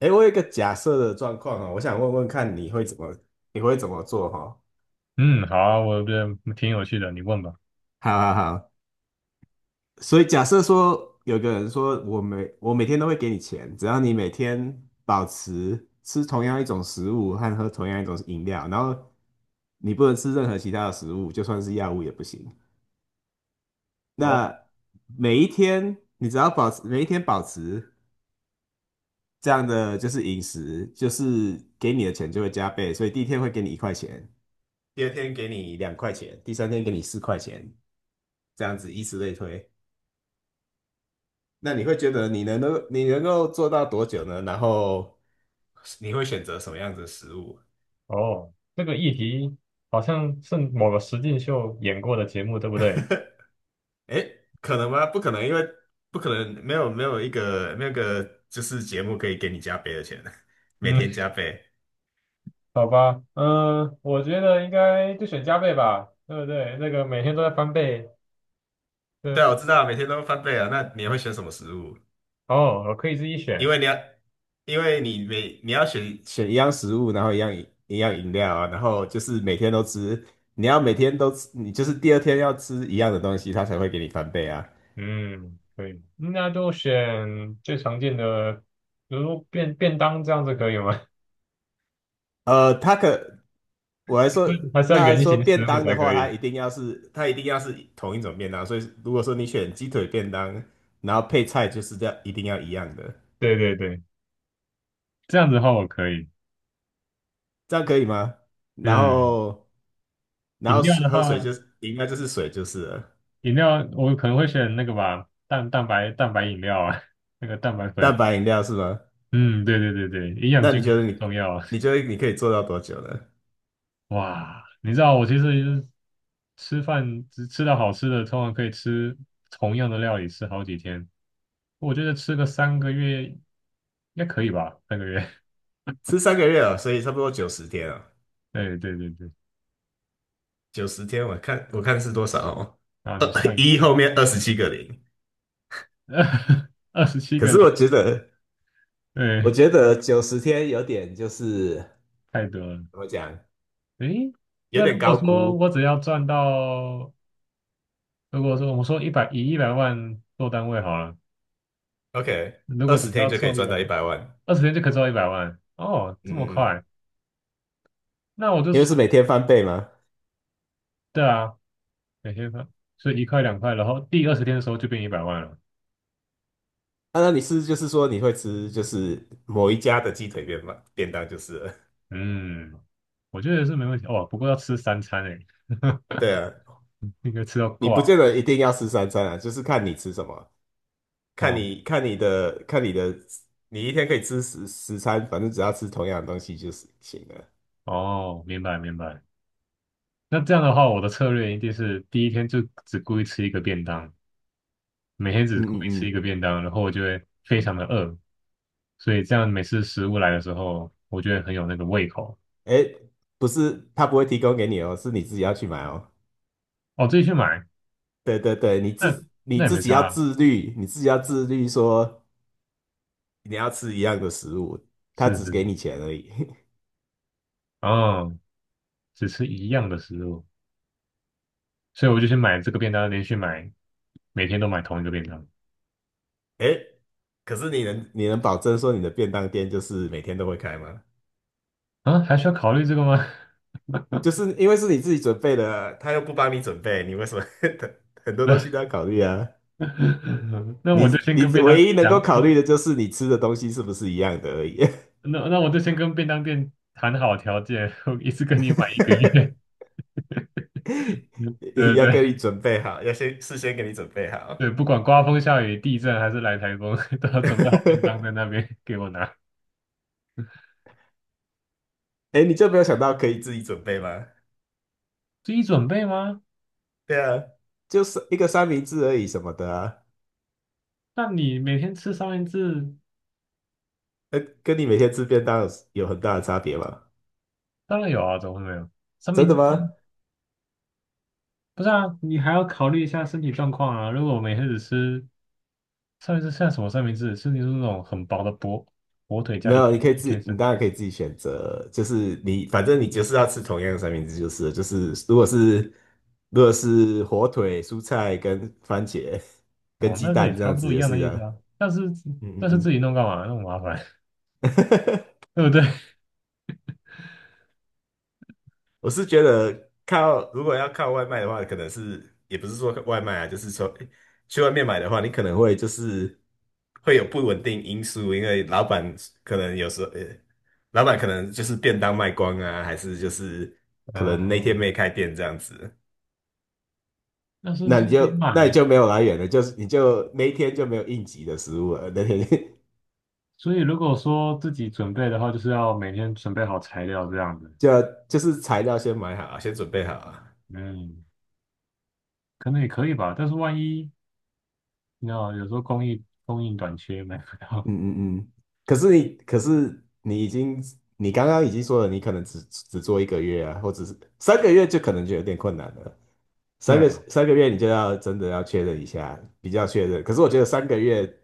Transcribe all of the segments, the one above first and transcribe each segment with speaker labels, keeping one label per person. Speaker 1: 哎，我有一个假设的状况哦，我想问问看你会怎么做哈、哦？
Speaker 2: 嗯，好啊我觉得挺有趣的，你问吧。
Speaker 1: 好好好，所以假设说有个人说我每天都会给你钱，只要你每天保持吃同样一种食物和喝同样一种饮料，然后你不能吃任何其他的食物，就算是药物也不行。
Speaker 2: 哦
Speaker 1: 那每一天保持这样的就是饮食，就是给你的钱就会加倍，所以第一天会给你1块钱。第二天给你2块钱，第三天给你4块钱，这样子以此类推。那你会觉得你能够做到多久呢？然后你会选择什么样子的食物？
Speaker 2: 哦，这个议题好像是某个实境秀演过的节目，对不对？
Speaker 1: 诶，可能吗？不可能，因为不可能没有一个就是节目可以给你加倍的钱，每
Speaker 2: 嗯，
Speaker 1: 天加倍。
Speaker 2: 好吧，嗯，我觉得应该就选加倍吧，对不对？那个每天都在翻倍，
Speaker 1: 对
Speaker 2: 这
Speaker 1: 啊，我知道，每天都翻倍啊。那你会选什么食物？
Speaker 2: 哦，我可以自己
Speaker 1: 因
Speaker 2: 选，
Speaker 1: 为你要，因为你要选一样食物，然后一样饮料啊，然后就是每天都吃，你要每天都吃，你就是第二天要吃一样的东西，它才会给你翻倍啊。
Speaker 2: 嗯，可以，那就选最常见的，比如说便当这样子可以吗？
Speaker 1: 呃，它可我还说，
Speaker 2: 还是要
Speaker 1: 那
Speaker 2: 圆
Speaker 1: 说
Speaker 2: 形食
Speaker 1: 便
Speaker 2: 物
Speaker 1: 当的
Speaker 2: 才可
Speaker 1: 话，它
Speaker 2: 以？
Speaker 1: 一定要是它一定要是同一种便当，所以如果说你选鸡腿便当，然后配菜就是这样，一定要一样的，
Speaker 2: 对对对，这样子的话我可以。
Speaker 1: 这样可以吗？然
Speaker 2: 嗯，
Speaker 1: 后然
Speaker 2: 饮
Speaker 1: 后
Speaker 2: 料
Speaker 1: 水
Speaker 2: 的话，
Speaker 1: 就是饮料就是水就是了，
Speaker 2: 饮料我可能会选那个吧，蛋白饮料啊，那个蛋白
Speaker 1: 蛋
Speaker 2: 粉。
Speaker 1: 白饮料是吗？
Speaker 2: 嗯，对对对对，营养
Speaker 1: 那
Speaker 2: 均
Speaker 1: 你
Speaker 2: 衡
Speaker 1: 觉
Speaker 2: 很
Speaker 1: 得你，
Speaker 2: 重要啊。
Speaker 1: 你觉得你可以做到多久呢？
Speaker 2: 哇，你知道我其实吃饭只吃到好吃的，通常可以吃同样的料理吃好几天。我觉得吃个三个月应该可以吧，三个月。
Speaker 1: 吃三个月啊，所以差不多九十天啊，
Speaker 2: 对对对对，
Speaker 1: 九十天我看是多少哦，
Speaker 2: 啊，你
Speaker 1: 二
Speaker 2: 算一
Speaker 1: 一
Speaker 2: 下，
Speaker 1: 后面27个零。
Speaker 2: 二十七
Speaker 1: 可
Speaker 2: 个
Speaker 1: 是我
Speaker 2: 零，
Speaker 1: 觉得，我
Speaker 2: 对，
Speaker 1: 觉得九十天有点就是
Speaker 2: 太多了。
Speaker 1: 怎么讲，
Speaker 2: 诶，
Speaker 1: 有
Speaker 2: 那
Speaker 1: 点
Speaker 2: 如果
Speaker 1: 高
Speaker 2: 说
Speaker 1: 估。
Speaker 2: 我只要赚到如果说我们说一百万做单位好了，
Speaker 1: OK，
Speaker 2: 如
Speaker 1: 二
Speaker 2: 果只
Speaker 1: 十
Speaker 2: 需
Speaker 1: 天
Speaker 2: 要
Speaker 1: 就可以
Speaker 2: 凑一
Speaker 1: 赚
Speaker 2: 百
Speaker 1: 到一
Speaker 2: 万，
Speaker 1: 百万。
Speaker 2: 二十天就可以凑一百万哦，
Speaker 1: 嗯
Speaker 2: 这么
Speaker 1: 嗯嗯，
Speaker 2: 快？那我就
Speaker 1: 因为
Speaker 2: 算
Speaker 1: 是每天翻倍嘛。
Speaker 2: 对啊，每天算，所以1块2块，然后第20天的时候就变一百万了。
Speaker 1: 啊，那你是就是说你会吃就是某一家的鸡腿便当就是了。
Speaker 2: 嗯，我觉得是没问题哦，不过要吃三餐诶，
Speaker 1: 对啊，
Speaker 2: 应该吃到
Speaker 1: 你
Speaker 2: 挂
Speaker 1: 不见得一定要吃三餐啊，就是看你吃什么。
Speaker 2: 哦
Speaker 1: 看你的，你一天可以吃十餐，反正只要吃同样的东西就是行了。
Speaker 2: 哦，明白明白。那这样的话，我的策略一定是第一天就只故意吃一个便当，每天只
Speaker 1: 嗯
Speaker 2: 故意
Speaker 1: 嗯
Speaker 2: 吃一
Speaker 1: 嗯，
Speaker 2: 个便当，然后我就会非常的饿，所以这样每次食物来的时候，我觉得很有那个胃口。
Speaker 1: 哎，不是，他不会提供给你哦，是你自己要去买哦。
Speaker 2: 哦，自己去买，
Speaker 1: 对对对，你
Speaker 2: 那
Speaker 1: 自你
Speaker 2: 那也
Speaker 1: 自
Speaker 2: 没
Speaker 1: 己
Speaker 2: 差
Speaker 1: 要
Speaker 2: 啊
Speaker 1: 自律，你自己要自律说你要吃一样的食物，他
Speaker 2: 是是
Speaker 1: 只给
Speaker 2: 是，
Speaker 1: 你钱而已。
Speaker 2: 哦，只吃一样的食物，所以我就去买这个便当，连续买，每天都买同一个便当
Speaker 1: 哎，可是你能保证说你的便当店就是每天都会开吗？
Speaker 2: 啊，还需要考虑这个吗？
Speaker 1: 就是因为是你自己准备的啊，他又不帮你准备，你为什么 很多东西
Speaker 2: 那
Speaker 1: 都要考虑啊？
Speaker 2: 那
Speaker 1: 你
Speaker 2: 我就先
Speaker 1: 你
Speaker 2: 跟便当
Speaker 1: 唯一
Speaker 2: 店
Speaker 1: 能够
Speaker 2: 讲，
Speaker 1: 考
Speaker 2: 我
Speaker 1: 虑的就是你吃的东西是不是一样的而已，
Speaker 2: 那我就先跟便当店谈好条件，我一次跟你买1个月，对对
Speaker 1: 要跟
Speaker 2: 对
Speaker 1: 你准备好，要先事先给你准备好。
Speaker 2: 对，不管刮风下雨、地震还是来台风，都要准备好便当在 那边给我拿。
Speaker 1: 哎你就没有想到可以自己准备吗？
Speaker 2: 自己准备吗？
Speaker 1: 对啊，就是一个三明治而已什么的啊，
Speaker 2: 那你每天吃三明治，
Speaker 1: 跟你每天吃便当有很大的差别吗？
Speaker 2: 当然有啊，怎么会没有？三
Speaker 1: 真
Speaker 2: 明
Speaker 1: 的
Speaker 2: 治
Speaker 1: 吗？
Speaker 2: 不是啊，你还要考虑一下身体状况啊。如果我每天只吃三明治，像什么三明治？是你说那种很薄的薄火腿加
Speaker 1: 没
Speaker 2: 一
Speaker 1: 有，
Speaker 2: 片一片
Speaker 1: 你
Speaker 2: 生，
Speaker 1: 当然可以自己选择，就是你反正你就是要吃同样的三明治就是了，就是如果是火腿、蔬菜跟番茄跟
Speaker 2: 哦，
Speaker 1: 鸡
Speaker 2: 那这也
Speaker 1: 蛋这
Speaker 2: 差
Speaker 1: 样
Speaker 2: 不
Speaker 1: 子
Speaker 2: 多一
Speaker 1: 也
Speaker 2: 样的
Speaker 1: 是
Speaker 2: 意思
Speaker 1: 啊，
Speaker 2: 啊。但是
Speaker 1: 嗯嗯
Speaker 2: 但是自
Speaker 1: 嗯，
Speaker 2: 己弄干嘛？那么麻烦，对不对？
Speaker 1: 我是觉得靠，如果要靠外卖的话，可能是也不是说外卖啊，就是说诶去外面买的话，你可能会就是会有不稳定因素，因为老板可能有时候，老板可能就是便当卖光啊，还是就是 可能那天
Speaker 2: 嗯，
Speaker 1: 没开店这样子，
Speaker 2: 那是
Speaker 1: 那
Speaker 2: 自
Speaker 1: 你
Speaker 2: 己
Speaker 1: 就那你
Speaker 2: 买，
Speaker 1: 就没有来源了，就是你就那一天就没有应急的食物了，那天
Speaker 2: 所以如果说自己准备的话，就是要每天准备好材料这样子。
Speaker 1: 就要就是材料先买好啊先准备好啊。
Speaker 2: 嗯，可能也可以吧，但是万一。你知道，有时候供应短缺买不到。
Speaker 1: 嗯嗯嗯，可是你，可是你已经，你刚刚已经说了，你可能只做1个月啊，或者是三个月，就可能就有点困难了。
Speaker 2: 对
Speaker 1: 三个
Speaker 2: 啊，
Speaker 1: 三个月你就要真的要确认一下，比较确认。可是我觉得三个月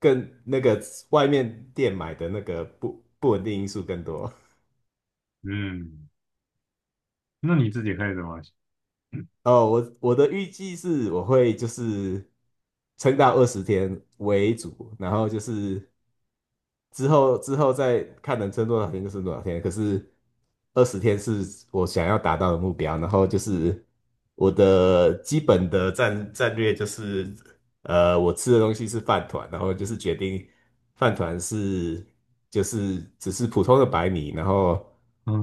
Speaker 1: 更那个外面店买的那个不稳定因素更多。
Speaker 2: 嗯，那你自己会怎么？
Speaker 1: 哦，我的预计是我会就是撑到二十天为主，然后就是之后再看能撑多少天就撑多少天。可是二十天是我想要达到的目标，然后就是我的基本的战略就是我吃的东西是饭团，然后就是决定饭团是就是只是普通的白米，然后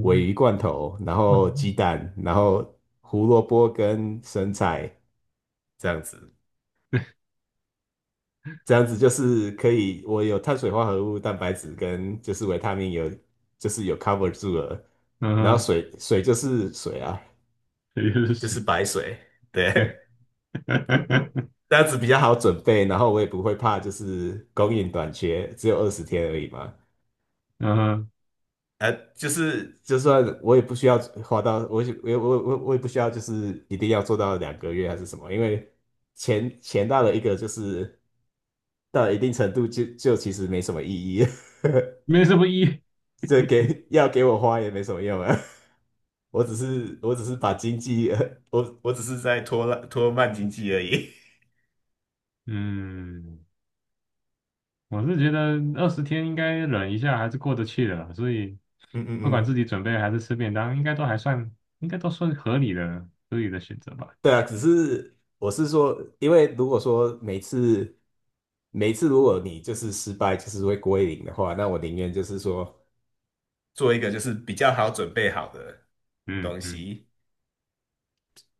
Speaker 1: 鲔鱼罐头，然后
Speaker 2: 嗯
Speaker 1: 鸡蛋，然后胡萝卜跟生菜这样子，这样子就是可以，我有碳水化合物、蛋白质跟就是维他命有就是有 cover 住了，然后
Speaker 2: 嗯，
Speaker 1: 水就是水啊，
Speaker 2: 这就是
Speaker 1: 就是
Speaker 2: 水。
Speaker 1: 白水，
Speaker 2: 对，
Speaker 1: 对。这样子比较好准备，然后我也不会怕，就是供应短缺，只有二十天而已嘛。
Speaker 2: 嗯哼，
Speaker 1: 就是就算我也不需要花到，我也不需要，就是一定要做到2个月还是什么，因为钱到了一个就是到了一定程度就其实没什么意义，
Speaker 2: 没什么意义。
Speaker 1: 这给要给我花也没什么用啊，我只是把经济，我只是在拖慢经济而已，
Speaker 2: 嗯，我是觉得二十天应该忍一下还是过得去的啦，所以
Speaker 1: 嗯嗯
Speaker 2: 不管自
Speaker 1: 嗯
Speaker 2: 己准备还是吃便当，应该都还算，应该都算合理的选择吧。
Speaker 1: 对啊，只是我是说，因为如果说每次如果你就是失败，就是会归零的话，那我宁愿就是说，做一个就是比较好准备好的
Speaker 2: 嗯
Speaker 1: 东
Speaker 2: 嗯
Speaker 1: 西。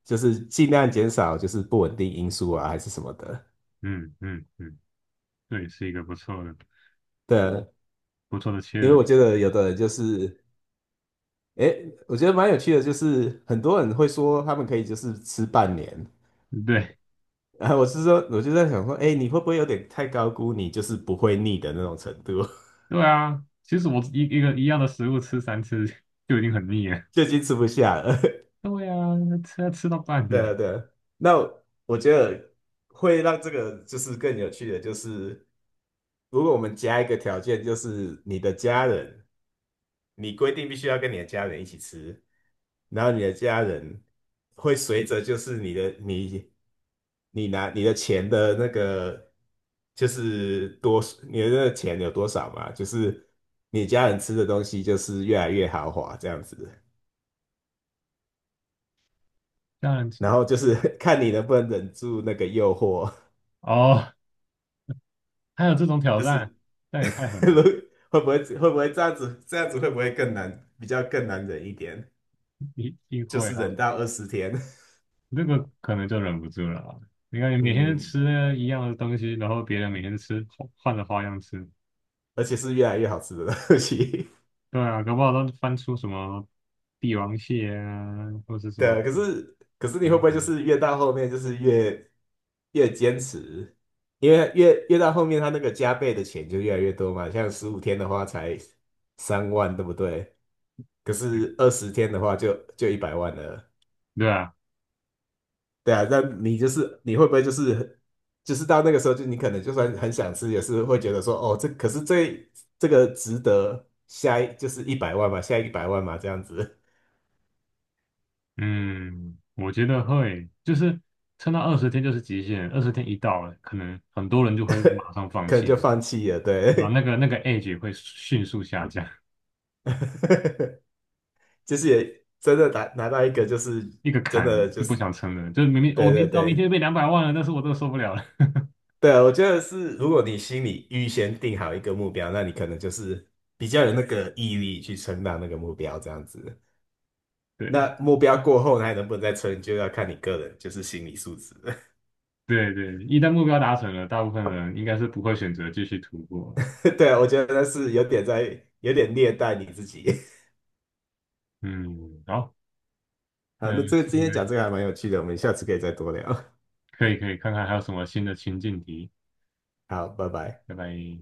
Speaker 1: 就是尽量减少就是不稳定因素啊，还是什么的。
Speaker 2: 嗯嗯嗯，对，是一个不错的
Speaker 1: 对啊，
Speaker 2: 不错的切
Speaker 1: 因为
Speaker 2: 入
Speaker 1: 我
Speaker 2: 点。
Speaker 1: 觉得有的人就是，诶，我觉得蛮有趣的，就是很多人会说他们可以就是吃半年，
Speaker 2: 对。
Speaker 1: 然后我是说，我就在想说，诶，你会不会有点太高估你就是不会腻的那种程度，
Speaker 2: 对啊，其实我一个一样的食物吃3次就已经很腻了。
Speaker 1: 就已经吃不下了。
Speaker 2: 对啊，吃到半
Speaker 1: 对啊，
Speaker 2: 年，
Speaker 1: 对啊。那我觉得会让这个就是更有趣的，就是如果我们加一个条件，就是你的家人，你规定必须要跟你的家人一起吃，然后你的家人会随着就是你拿你的钱的那个就是多你的那个钱有多少嘛，就是你家人吃的东西就是越来越豪华这样子，
Speaker 2: 这样子
Speaker 1: 然后就是 看你能不能忍住那个诱惑。
Speaker 2: 哦，还有这种挑
Speaker 1: 就
Speaker 2: 战，
Speaker 1: 是
Speaker 2: 那也太 狠了，
Speaker 1: 如会不会会不会这样子？这样子会不会更难？比较更难忍一点，
Speaker 2: 一定
Speaker 1: 就
Speaker 2: 会
Speaker 1: 是
Speaker 2: 啊，
Speaker 1: 忍到二十天，
Speaker 2: 这个可能就忍不住了啊。你看你每天
Speaker 1: 嗯，
Speaker 2: 吃一样的东西，然后别人每天吃换着花样吃，
Speaker 1: 而且是越来越好吃的东西。
Speaker 2: 对啊，搞不好都翻出什么帝王蟹啊，或者是 什
Speaker 1: 对
Speaker 2: 么
Speaker 1: 啊可是你会
Speaker 2: 牛
Speaker 1: 不会
Speaker 2: 排，
Speaker 1: 就是越到后面就是越坚持？因为越到后面，他那个加倍的钱就越来越多嘛。像15天的话才3万，对不对？可是二十天的话就一百万了。
Speaker 2: 对啊。
Speaker 1: 对啊，那你就是你会不会就是到那个时候，就你可能就算很想吃，也是会觉得说，哦，这可是这这个值得下一就是一百万嘛，下一百万嘛，这样子，
Speaker 2: 嗯，我觉得会，就是撑到二十天就是极限，二十天一到了，可能很多人就会马上 放
Speaker 1: 可能就
Speaker 2: 弃了，
Speaker 1: 放弃了。
Speaker 2: 然后那
Speaker 1: 对，
Speaker 2: 个那个 edge 会迅速下降，
Speaker 1: 就是也真的拿到一个，就是
Speaker 2: 一个
Speaker 1: 真的
Speaker 2: 坎
Speaker 1: 就
Speaker 2: 就不
Speaker 1: 是
Speaker 2: 想撑了，就是明明我
Speaker 1: 对对
Speaker 2: 明知道明
Speaker 1: 对
Speaker 2: 天被200万了，但是我都受不了了。
Speaker 1: 对啊，我觉得是，如果你心里预先定好一个目标，那你可能就是比较有那个毅力去撑到那个目标，这样子。
Speaker 2: 对
Speaker 1: 那目标过后，还能不能再撑，就要看你个人，就是心理素质。
Speaker 2: 对对，一旦目标达成了，大部分人应该是不会选择继续突破。
Speaker 1: 对啊，我觉得是有点虐待你自己。
Speaker 2: 嗯，好，
Speaker 1: 好，
Speaker 2: 嗯，
Speaker 1: 那这个今
Speaker 2: 这个
Speaker 1: 天讲这个还蛮有趣的，我们下次可以再多聊。
Speaker 2: 可以可以看看还有什么新的情境题，
Speaker 1: 好，拜拜。
Speaker 2: 拜拜。